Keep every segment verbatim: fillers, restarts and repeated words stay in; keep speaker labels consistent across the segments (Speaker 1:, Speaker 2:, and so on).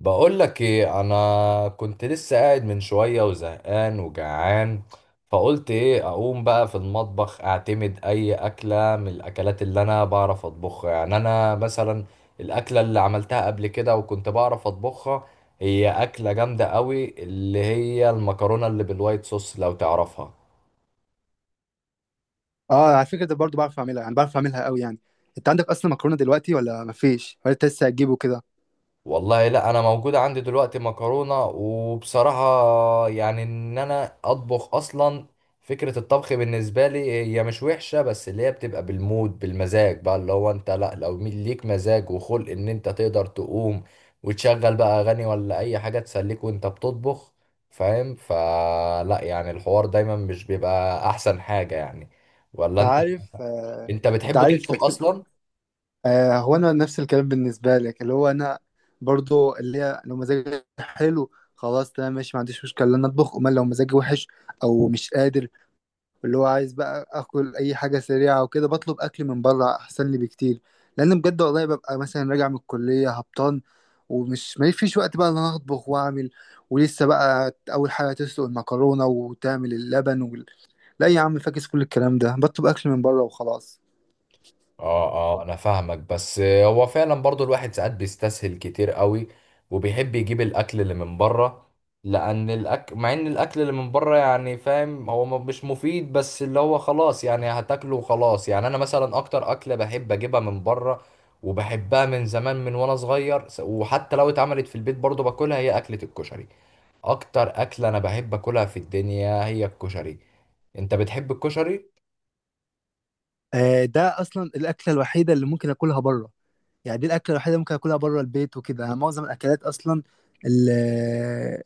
Speaker 1: بقول لك ايه، انا كنت لسه قاعد من شويه وزهقان وجعان. فقلت ايه، اقوم بقى في المطبخ اعتمد اي اكله من الاكلات اللي انا بعرف اطبخها. يعني انا مثلا الاكله اللي عملتها قبل كده وكنت بعرف اطبخها هي اكله جامده قوي، اللي هي المكرونه اللي بالوايت صوص لو تعرفها.
Speaker 2: اه، على فكره ده برضو بعرف اعملها، يعني بعرف اعملها قوي يعني. انت عندك اصلا مكرونه دلوقتي ولا مفيش؟ ولا انت لسه هتجيبه كده؟
Speaker 1: والله لا، انا موجود عندي دلوقتي مكرونه. وبصراحه يعني ان انا اطبخ اصلا، فكره الطبخ بالنسبه لي هي مش وحشه، بس اللي هي بتبقى بالمود بالمزاج بقى. اللي هو انت لا، لو مي- ليك مزاج وخلق ان انت تقدر تقوم وتشغل بقى اغاني ولا اي حاجه تسليك وانت بتطبخ. فاهم؟ فلا يعني الحوار دايما مش بيبقى احسن حاجه يعني. ولا
Speaker 2: انت
Speaker 1: انت،
Speaker 2: عارف آه.
Speaker 1: انت
Speaker 2: انت
Speaker 1: بتحب
Speaker 2: عارف
Speaker 1: تطبخ اصلا؟
Speaker 2: آه. هو انا نفس الكلام بالنسبه لك، اللي هو انا برضو اللي هي لو مزاجي حلو خلاص تمام ماشي، ما عنديش مشكله ان انا اطبخ. امال لو مزاجي وحش او مش قادر، اللي هو عايز بقى اكل اي حاجه سريعه وكده، بطلب اكل من بره احسن لي بكتير. لان بجد والله ببقى مثلا راجع من الكليه هبطان، ومش ما فيش وقت بقى ان انا اطبخ واعمل، ولسه بقى اول حاجه تسلق المكرونه وتعمل اللبن وال... لا يا عم فاكس كل الكلام ده، بطلب اكل من بره وخلاص.
Speaker 1: اه، اه، انا فاهمك. بس هو فعلا برضو الواحد ساعات بيستسهل كتير قوي، وبيحب يجيب الاكل اللي من بره. لان الاكل، مع ان الاكل اللي من بره يعني فاهم هو ما- مش مفيد، بس اللي هو خلاص يعني هتاكله وخلاص. يعني انا مثلا اكتر اكله بحب اجيبها من بره وبحبها من زمان من وانا صغير، س- وحتى لو اتعملت في البيت برضو باكلها، هي اكلة الكشري. اكتر اكله انا بحب اكلها في الدنيا هي الكشري. انت بتحب الكشري؟
Speaker 2: آه ده اصلا الاكله الوحيده اللي ممكن اكلها بره. يعني دي الاكله الوحيده اللي ممكن اكلها بره البيت وكده. يعني معظم الاكلات اصلا اللي,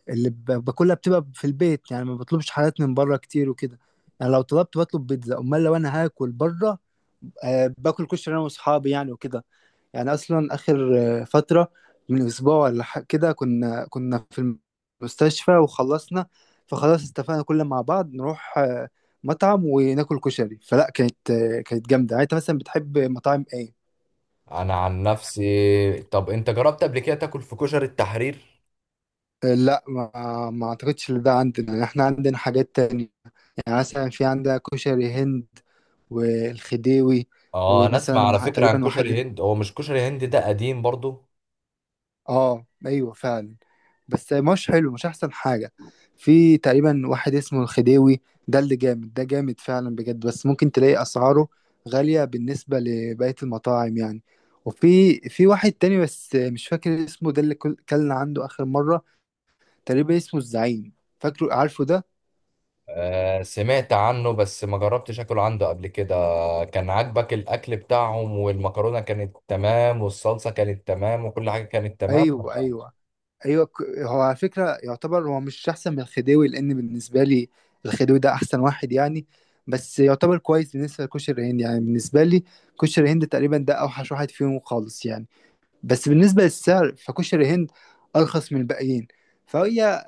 Speaker 2: اللي ب- باكلها بتبقى في البيت، يعني ما بطلبش حاجات من بره كتير وكده. يعني لو طلبت بطلب بيتزا. امال لو انا هاكل بره، آه، باكل كشري انا واصحابي يعني وكده. يعني اصلا اخر آه، فتره من اسبوع ولا ح- كده، كنا كنا في المستشفى وخلصنا، فخلاص اتفقنا كلنا مع بعض نروح آه، مطعم وناكل كشري. فلا كانت، آه، كانت جامده يعني. انت مثلا بتحب مطاعم ايه؟
Speaker 1: انا عن نفسي، طب انت جربت قبل كده تاكل في كشري التحرير؟
Speaker 2: لا، ما ما اعتقدش ان ده عندنا، يعني احنا عندنا حاجات تانية. يعني مثلا في عندنا كشري هند والخديوي.
Speaker 1: اه، انا اسمع على
Speaker 2: ومثلا
Speaker 1: فكرة عن
Speaker 2: تقريبا
Speaker 1: كشري
Speaker 2: واحد.
Speaker 1: هند. هو مش كشري هند ده قديم برضو؟
Speaker 2: اه ايوه فعلا. بس مش حلو، مش احسن حاجة. في تقريبا واحد اسمه الخديوي، ده اللي جامد، ده جامد فعلا بجد. بس ممكن تلاقي اسعاره غالية بالنسبة لبقية المطاعم يعني. وفي في واحد تاني بس مش فاكر اسمه، ده اللي كل- كلنا عنده اخر مرة، تقريبا اسمه الزعيم. فاكره؟ عارفه ده؟
Speaker 1: آه، سمعت عنه بس ما جربتش اكل عنده قبل كده. كان عاجبك الاكل بتاعهم؟ والمكرونة كانت تمام، والصلصة كانت تمام، وكل حاجة كانت تمام؟
Speaker 2: ايوه ايوه. ايوه ك- هو على فكره يعتبر هو مش احسن من الخديوي، لان بالنسبه لي الخديوي ده احسن واحد يعني. بس يعتبر كويس بالنسبه لكشري الهند. يعني بالنسبه لي كشري الهند تقريبا ده اوحش واحد فيهم خالص يعني. بس بالنسبه للسعر، فكشري الهند ارخص من الباقيين. فهي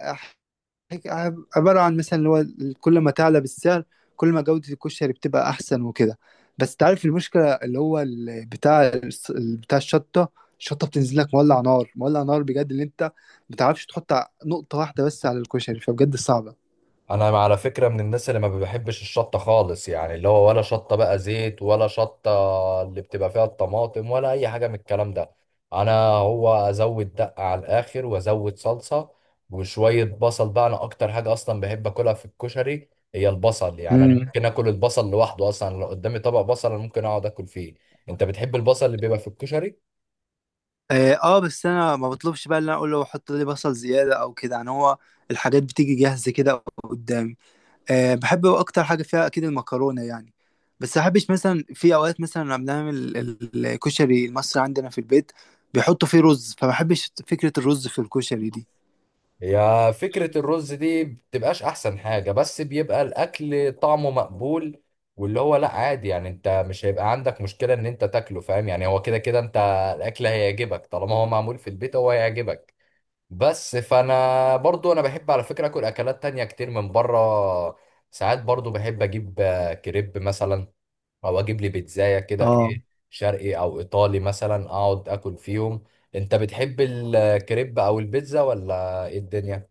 Speaker 2: هيك عب- عبارة عن مثلا، اللي هو ال- كل ما تعلى بالسعر، كل ما جودة الكشري بتبقى أحسن وكده. بس تعرف المشكلة، اللي هو ال- بتاع الس- ال- بتاع الشطة، الشطة بتنزل لك مولع نار، مولع نار بجد، اللي أنت ما بتعرفش تحط ع- نقطة واحدة بس على الكشري، فبجد صعبة.
Speaker 1: انا على فكره من الناس اللي ما بحبش الشطه خالص. يعني اللي هو ولا شطه بقى زيت، ولا شطه اللي بتبقى فيها الطماطم، ولا اي حاجه من الكلام ده. انا هو ازود دقه على الاخر، وازود صلصه وشويه بصل بقى. انا اكتر حاجه اصلا بحب اكلها في الكشري هي البصل. يعني انا
Speaker 2: مم.
Speaker 1: ممكن اكل البصل لوحده اصلا. لو قدامي طبق بصل انا ممكن اقعد اكل فيه. انت بتحب البصل اللي بيبقى في الكشري؟
Speaker 2: آه, آه بس أنا ما بطلبش بقى اللي أنا أقول له حط لي بصل زيادة أو كده، يعني هو الحاجات بتيجي جاهزة كده قدامي. أه بحب اكتر حاجه فيها اكيد المكرونه يعني. بس احبش مثلا، في اوقات مثلا لما بنعمل ال- الكشري المصري عندنا في البيت، بيحطوا فيه رز، فما بحبش فكره الرز في الكشري.
Speaker 1: يا فكرة الرز دي بتبقاش أحسن حاجة، بس بيبقى الأكل طعمه مقبول. واللي هو لأ، عادي يعني. أنت مش هيبقى عندك مشكلة إن أنت تاكله. فاهم يعني؟ هو كده كده أنت الأكل هيعجبك. طالما هو معمول في البيت هو هيعجبك. بس فأنا برضو أنا بحب على فكرة أكل أكلات تانية كتير من بره. ساعات برضو بحب أجيب آه، كريب مثلا، أو أجيب لي بيتزاية كده،
Speaker 2: دي
Speaker 1: إيه شرقي أو إيطالي مثلا، أقعد أكل فيهم. أنت بتحب الكريب أو البيتزا ولا إيه الدنيا؟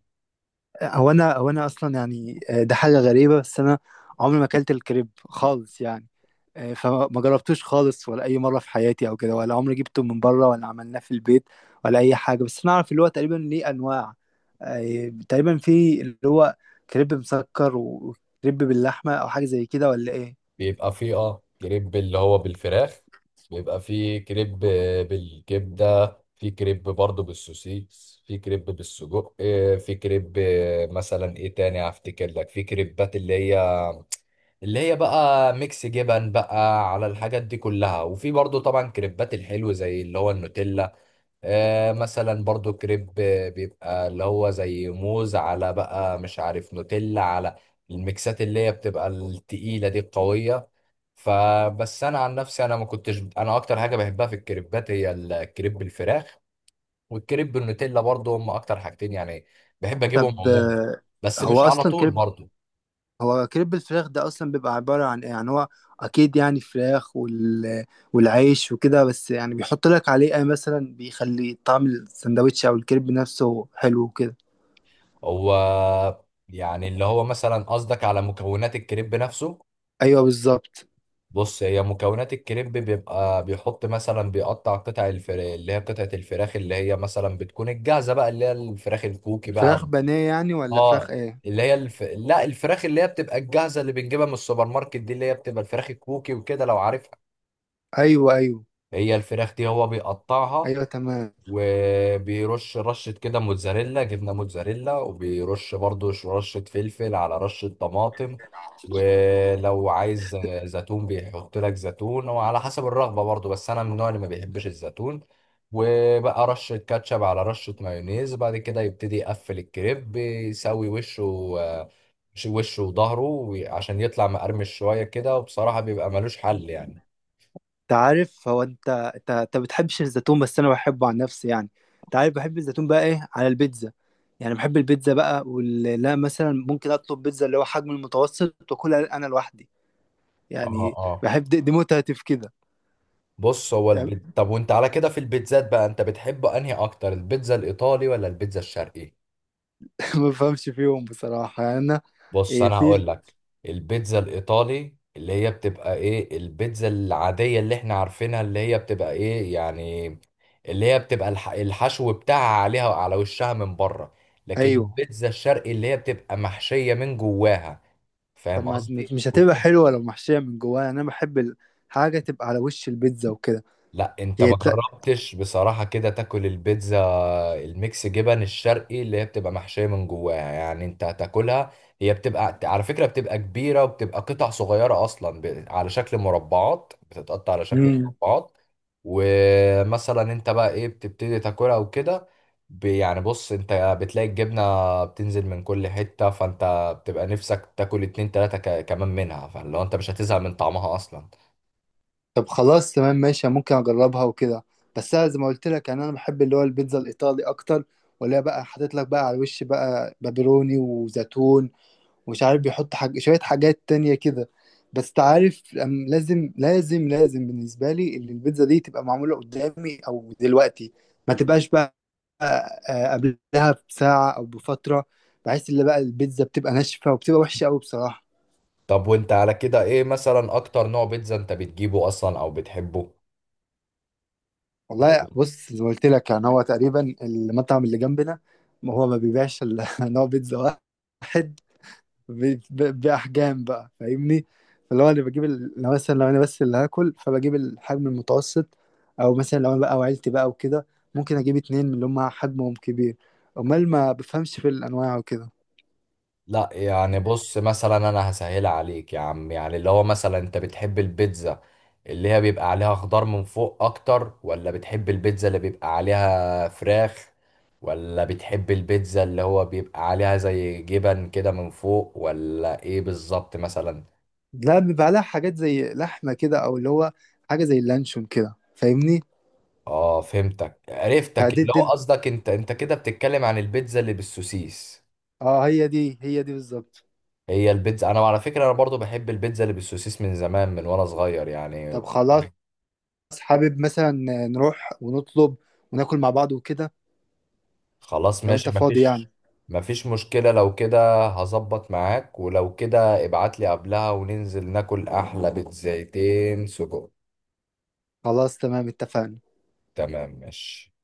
Speaker 2: هو انا هو انا اصلا يعني، آه، ده حاجه غريبه بس انا عمري ما اكلت الكريب خالص يعني. آه، فما جربتوش خالص، ولا اي مره في حياتي او كده، ولا عمري جبته من بره، ولا عملناه في البيت، ولا اي حاجه. بس انا اعرف اللي هو تقريبا ليه انواع. آه، تقريبا في اللي هو كريب مسكر وكريب باللحمه او حاجه زي كده، ولا ايه؟
Speaker 1: بيبقى فيه اه كريب اللي هو بالفراخ. بيبقى فيه كريب آه، بالكبدة، في كريب برضه بالسوسيس، في كريب بالسجق، آه، في كريب، آه، مثلا ايه تاني هفتكر لك، في كريبات اللي هي اللي هي بقى ميكس جبن بقى على الحاجات دي كلها. وفي برضه طبعا كريبات الحلو زي اللي هو النوتيلا. آه مثلا برضه كريب، آه، بيبقى اللي هو زي موز على بقى مش عارف نوتيلا على الميكسات اللي هي بتبقى التقيلة دي القوية. فبس انا عن نفسي، انا ما كنتش، انا اكتر حاجه بحبها في الكريبات هي الكريب بالفراخ والكريب بالنوتيلا. برضو هم اكتر حاجتين يعني بحب اجيبهم
Speaker 2: طب
Speaker 1: عموما،
Speaker 2: آه،
Speaker 1: بس
Speaker 2: هو
Speaker 1: مش على
Speaker 2: اصلا
Speaker 1: طول
Speaker 2: كريب،
Speaker 1: برضو.
Speaker 2: هو كريب الفراخ ده اصلا بيبقى عبارة عن ايه يعني؟ هو اكيد يعني فراخ وال... والعيش وكده، بس يعني بيحط لك عليه ايه مثلا بيخلي طعم السندوتش او الكريب نفسه حلو وكده.
Speaker 1: هو يعني اللي هو مثلا قصدك على مكونات الكريب نفسه؟
Speaker 2: ايوه بالظبط.
Speaker 1: بص، هي مكونات الكريب بيبقى بيحط مثلا، بيقطع قطع الفراخ اللي هي قطعة الفراخ اللي هي مثلا بتكون الجاهزة بقى، اللي هي الفراخ الكوكي
Speaker 2: فراخ
Speaker 1: بقى.
Speaker 2: بانيه يعني، ولا فراخ
Speaker 1: اه،
Speaker 2: ايه؟
Speaker 1: اللي هي الف... لا، الفراخ اللي هي بتبقى الجاهزه اللي بنجيبها من السوبر ماركت دي، اللي هي بتبقى الفراخ الكوكي وكده لو عارفها.
Speaker 2: ايوه ايوه
Speaker 1: هي الفراخ دي هو بيقطعها،
Speaker 2: ايوه تمام.
Speaker 1: وبيرش رشة كده موتزاريلا، جبنة موتزاريلا، وبيرش برضو ش- رشة فلفل على رشة طماطم. ولو عايز زيتون بيحط لك زيتون، وعلى حسب الرغبة برضو، بس أنا من النوع اللي ما بيحبش الزيتون. وبقى رشة كاتشب على رشة مايونيز، بعد كده يبتدي يقفل الكريب، بيسوي وشه آه، وشه وظهره عشان يطلع مقرمش شوية كده، وبصراحة بيبقى ملوش حل يعني.
Speaker 2: انت عارف، هو انت انت انت بتحبش الزيتون بس انا بحبه عن نفسي يعني. انت عارف، بحب الزيتون بقى ايه على البيتزا. يعني بحب البيتزا بقى، ولا مثلا ممكن اطلب بيتزا اللي هو حجم المتوسط واكلها انا لوحدي. يعني
Speaker 1: اه،
Speaker 2: بحب دي, دي متعتي في كده.
Speaker 1: بص هو
Speaker 2: تمام؟
Speaker 1: البيت. طب وانت على كده في البيتزات بقى، انت بتحب انهي اكتر، البيتزا الايطالي ولا البيتزا الشرقي؟
Speaker 2: ما بفهمش فيهم بصراحة يعني أنا.
Speaker 1: بص
Speaker 2: إيه
Speaker 1: انا
Speaker 2: في؟
Speaker 1: هقول لك، البيتزا الايطالي اللي هي بتبقى ايه البيتزا العادية اللي احنا عارفينها، اللي هي بتبقى ايه يعني، اللي هي بتبقى الح... الحشو بتاعها عليها على وشها من بره. لكن
Speaker 2: أيوه.
Speaker 1: البيتزا الشرقي اللي هي بتبقى محشية من جواها.
Speaker 2: طب
Speaker 1: فاهم
Speaker 2: ما
Speaker 1: قصدي؟
Speaker 2: مش هتبقى حلوة لو محشية من جواها؟ يعني أنا بحب الحاجة تبقى على وش البيتزا وكده.
Speaker 1: لا انت
Speaker 2: هي
Speaker 1: ما
Speaker 2: ت...
Speaker 1: جربتش بصراحة كده تاكل البيتزا الميكس جبن الشرقي اللي هي بتبقى محشية من جواها يعني. انت هتاكلها، هي بتبقى على فكرة بتبقى كبيرة، وبتبقى قطع صغيرة اصلا، ب... على شكل مربعات، بتتقطع على شكل
Speaker 2: مم.
Speaker 1: مربعات. ومثلا انت بقى ايه بتبتدي تاكلها وكده، ب... يعني بص انت بتلاقي الجبنة بتنزل من كل حتة، فانت بتبقى نفسك تاكل اتنين تلاتة ك... كمان منها، فلو انت مش هتزهق من طعمها اصلا.
Speaker 2: طب خلاص تمام ماشي، ممكن أجربها وكده. بس أنا زي ما قلت لك، يعني أنا بحب اللي هو البيتزا الإيطالي أكتر، ولا بقى حاطط لك بقى على الوش بقى بابروني وزيتون، ومش عارف بيحط حاج... شوية حاجات تانية كده. بس تعرف، أم- لازم لازم لازم بالنسبة لي اللي البيتزا دي تبقى معمولة قدامي أو دلوقتي، ما تبقاش بقى آه، قبلها بساعة أو بفترة، بحيث اللي بقى البيتزا بتبقى ناشفة وبتبقى وحشة أوي بصراحة.
Speaker 1: طب وانت على كده ايه مثلا اكتر نوع بيتزا انت بتجيبه اصلا او بتحبه؟
Speaker 2: والله
Speaker 1: ولا-
Speaker 2: بص زي ما قلت لك، يعني هو تقريبا المطعم اللي جنبنا هو ما بيبيعش إلا نوع بيتزا واحد، ب- ب- باحجام بقى فاهمني. اللي هو انا بجيب ال- لو مثلا لو انا بس اللي هاكل، فبجيب الحجم المتوسط. او مثلا لو انا بقى وعيلتي بقى وكده، ممكن اجيب اتنين من اللي هم حجمهم كبير. امال ما بفهمش في الانواع وكده.
Speaker 1: لا يعني، بص مثلا انا هسهلها عليك يا عم. يعني اللي هو مثلا انت بتحب البيتزا اللي هي بيبقى عليها خضار من فوق اكتر، ولا بتحب البيتزا اللي بيبقى عليها فراخ، ولا بتحب البيتزا اللي هو بيبقى عليها زي جبن كده من فوق، ولا ايه بالظبط مثلا؟
Speaker 2: لا، بيبقى لها حاجات زي لحمه كده، او اللي هو حاجه زي اللانشون كده، فاهمني؟
Speaker 1: اه، فهمتك، عرفتك،
Speaker 2: فدي
Speaker 1: اللي
Speaker 2: دي
Speaker 1: هو قصدك انت انت كده بتتكلم عن البيتزا اللي بالسوسيس.
Speaker 2: اه هي دي هي دي بالظبط.
Speaker 1: هي البيتزا، انا على فكره انا برضو بحب البيتزا اللي بالسوسيس من زمان من وانا صغير يعني.
Speaker 2: طب خلاص، حابب مثلا نروح ونطلب وناكل مع بعض وكده،
Speaker 1: خلاص،
Speaker 2: لو انت
Speaker 1: ماشي،
Speaker 2: فاضي
Speaker 1: مفيش
Speaker 2: يعني؟
Speaker 1: مفيش مشكله لو كده. هظبط معاك، ولو كده ابعت لي قبلها وننزل ناكل احلى بيتزايتين سجق.
Speaker 2: خلاص تمام اتفقنا.
Speaker 1: تمام، ماشي.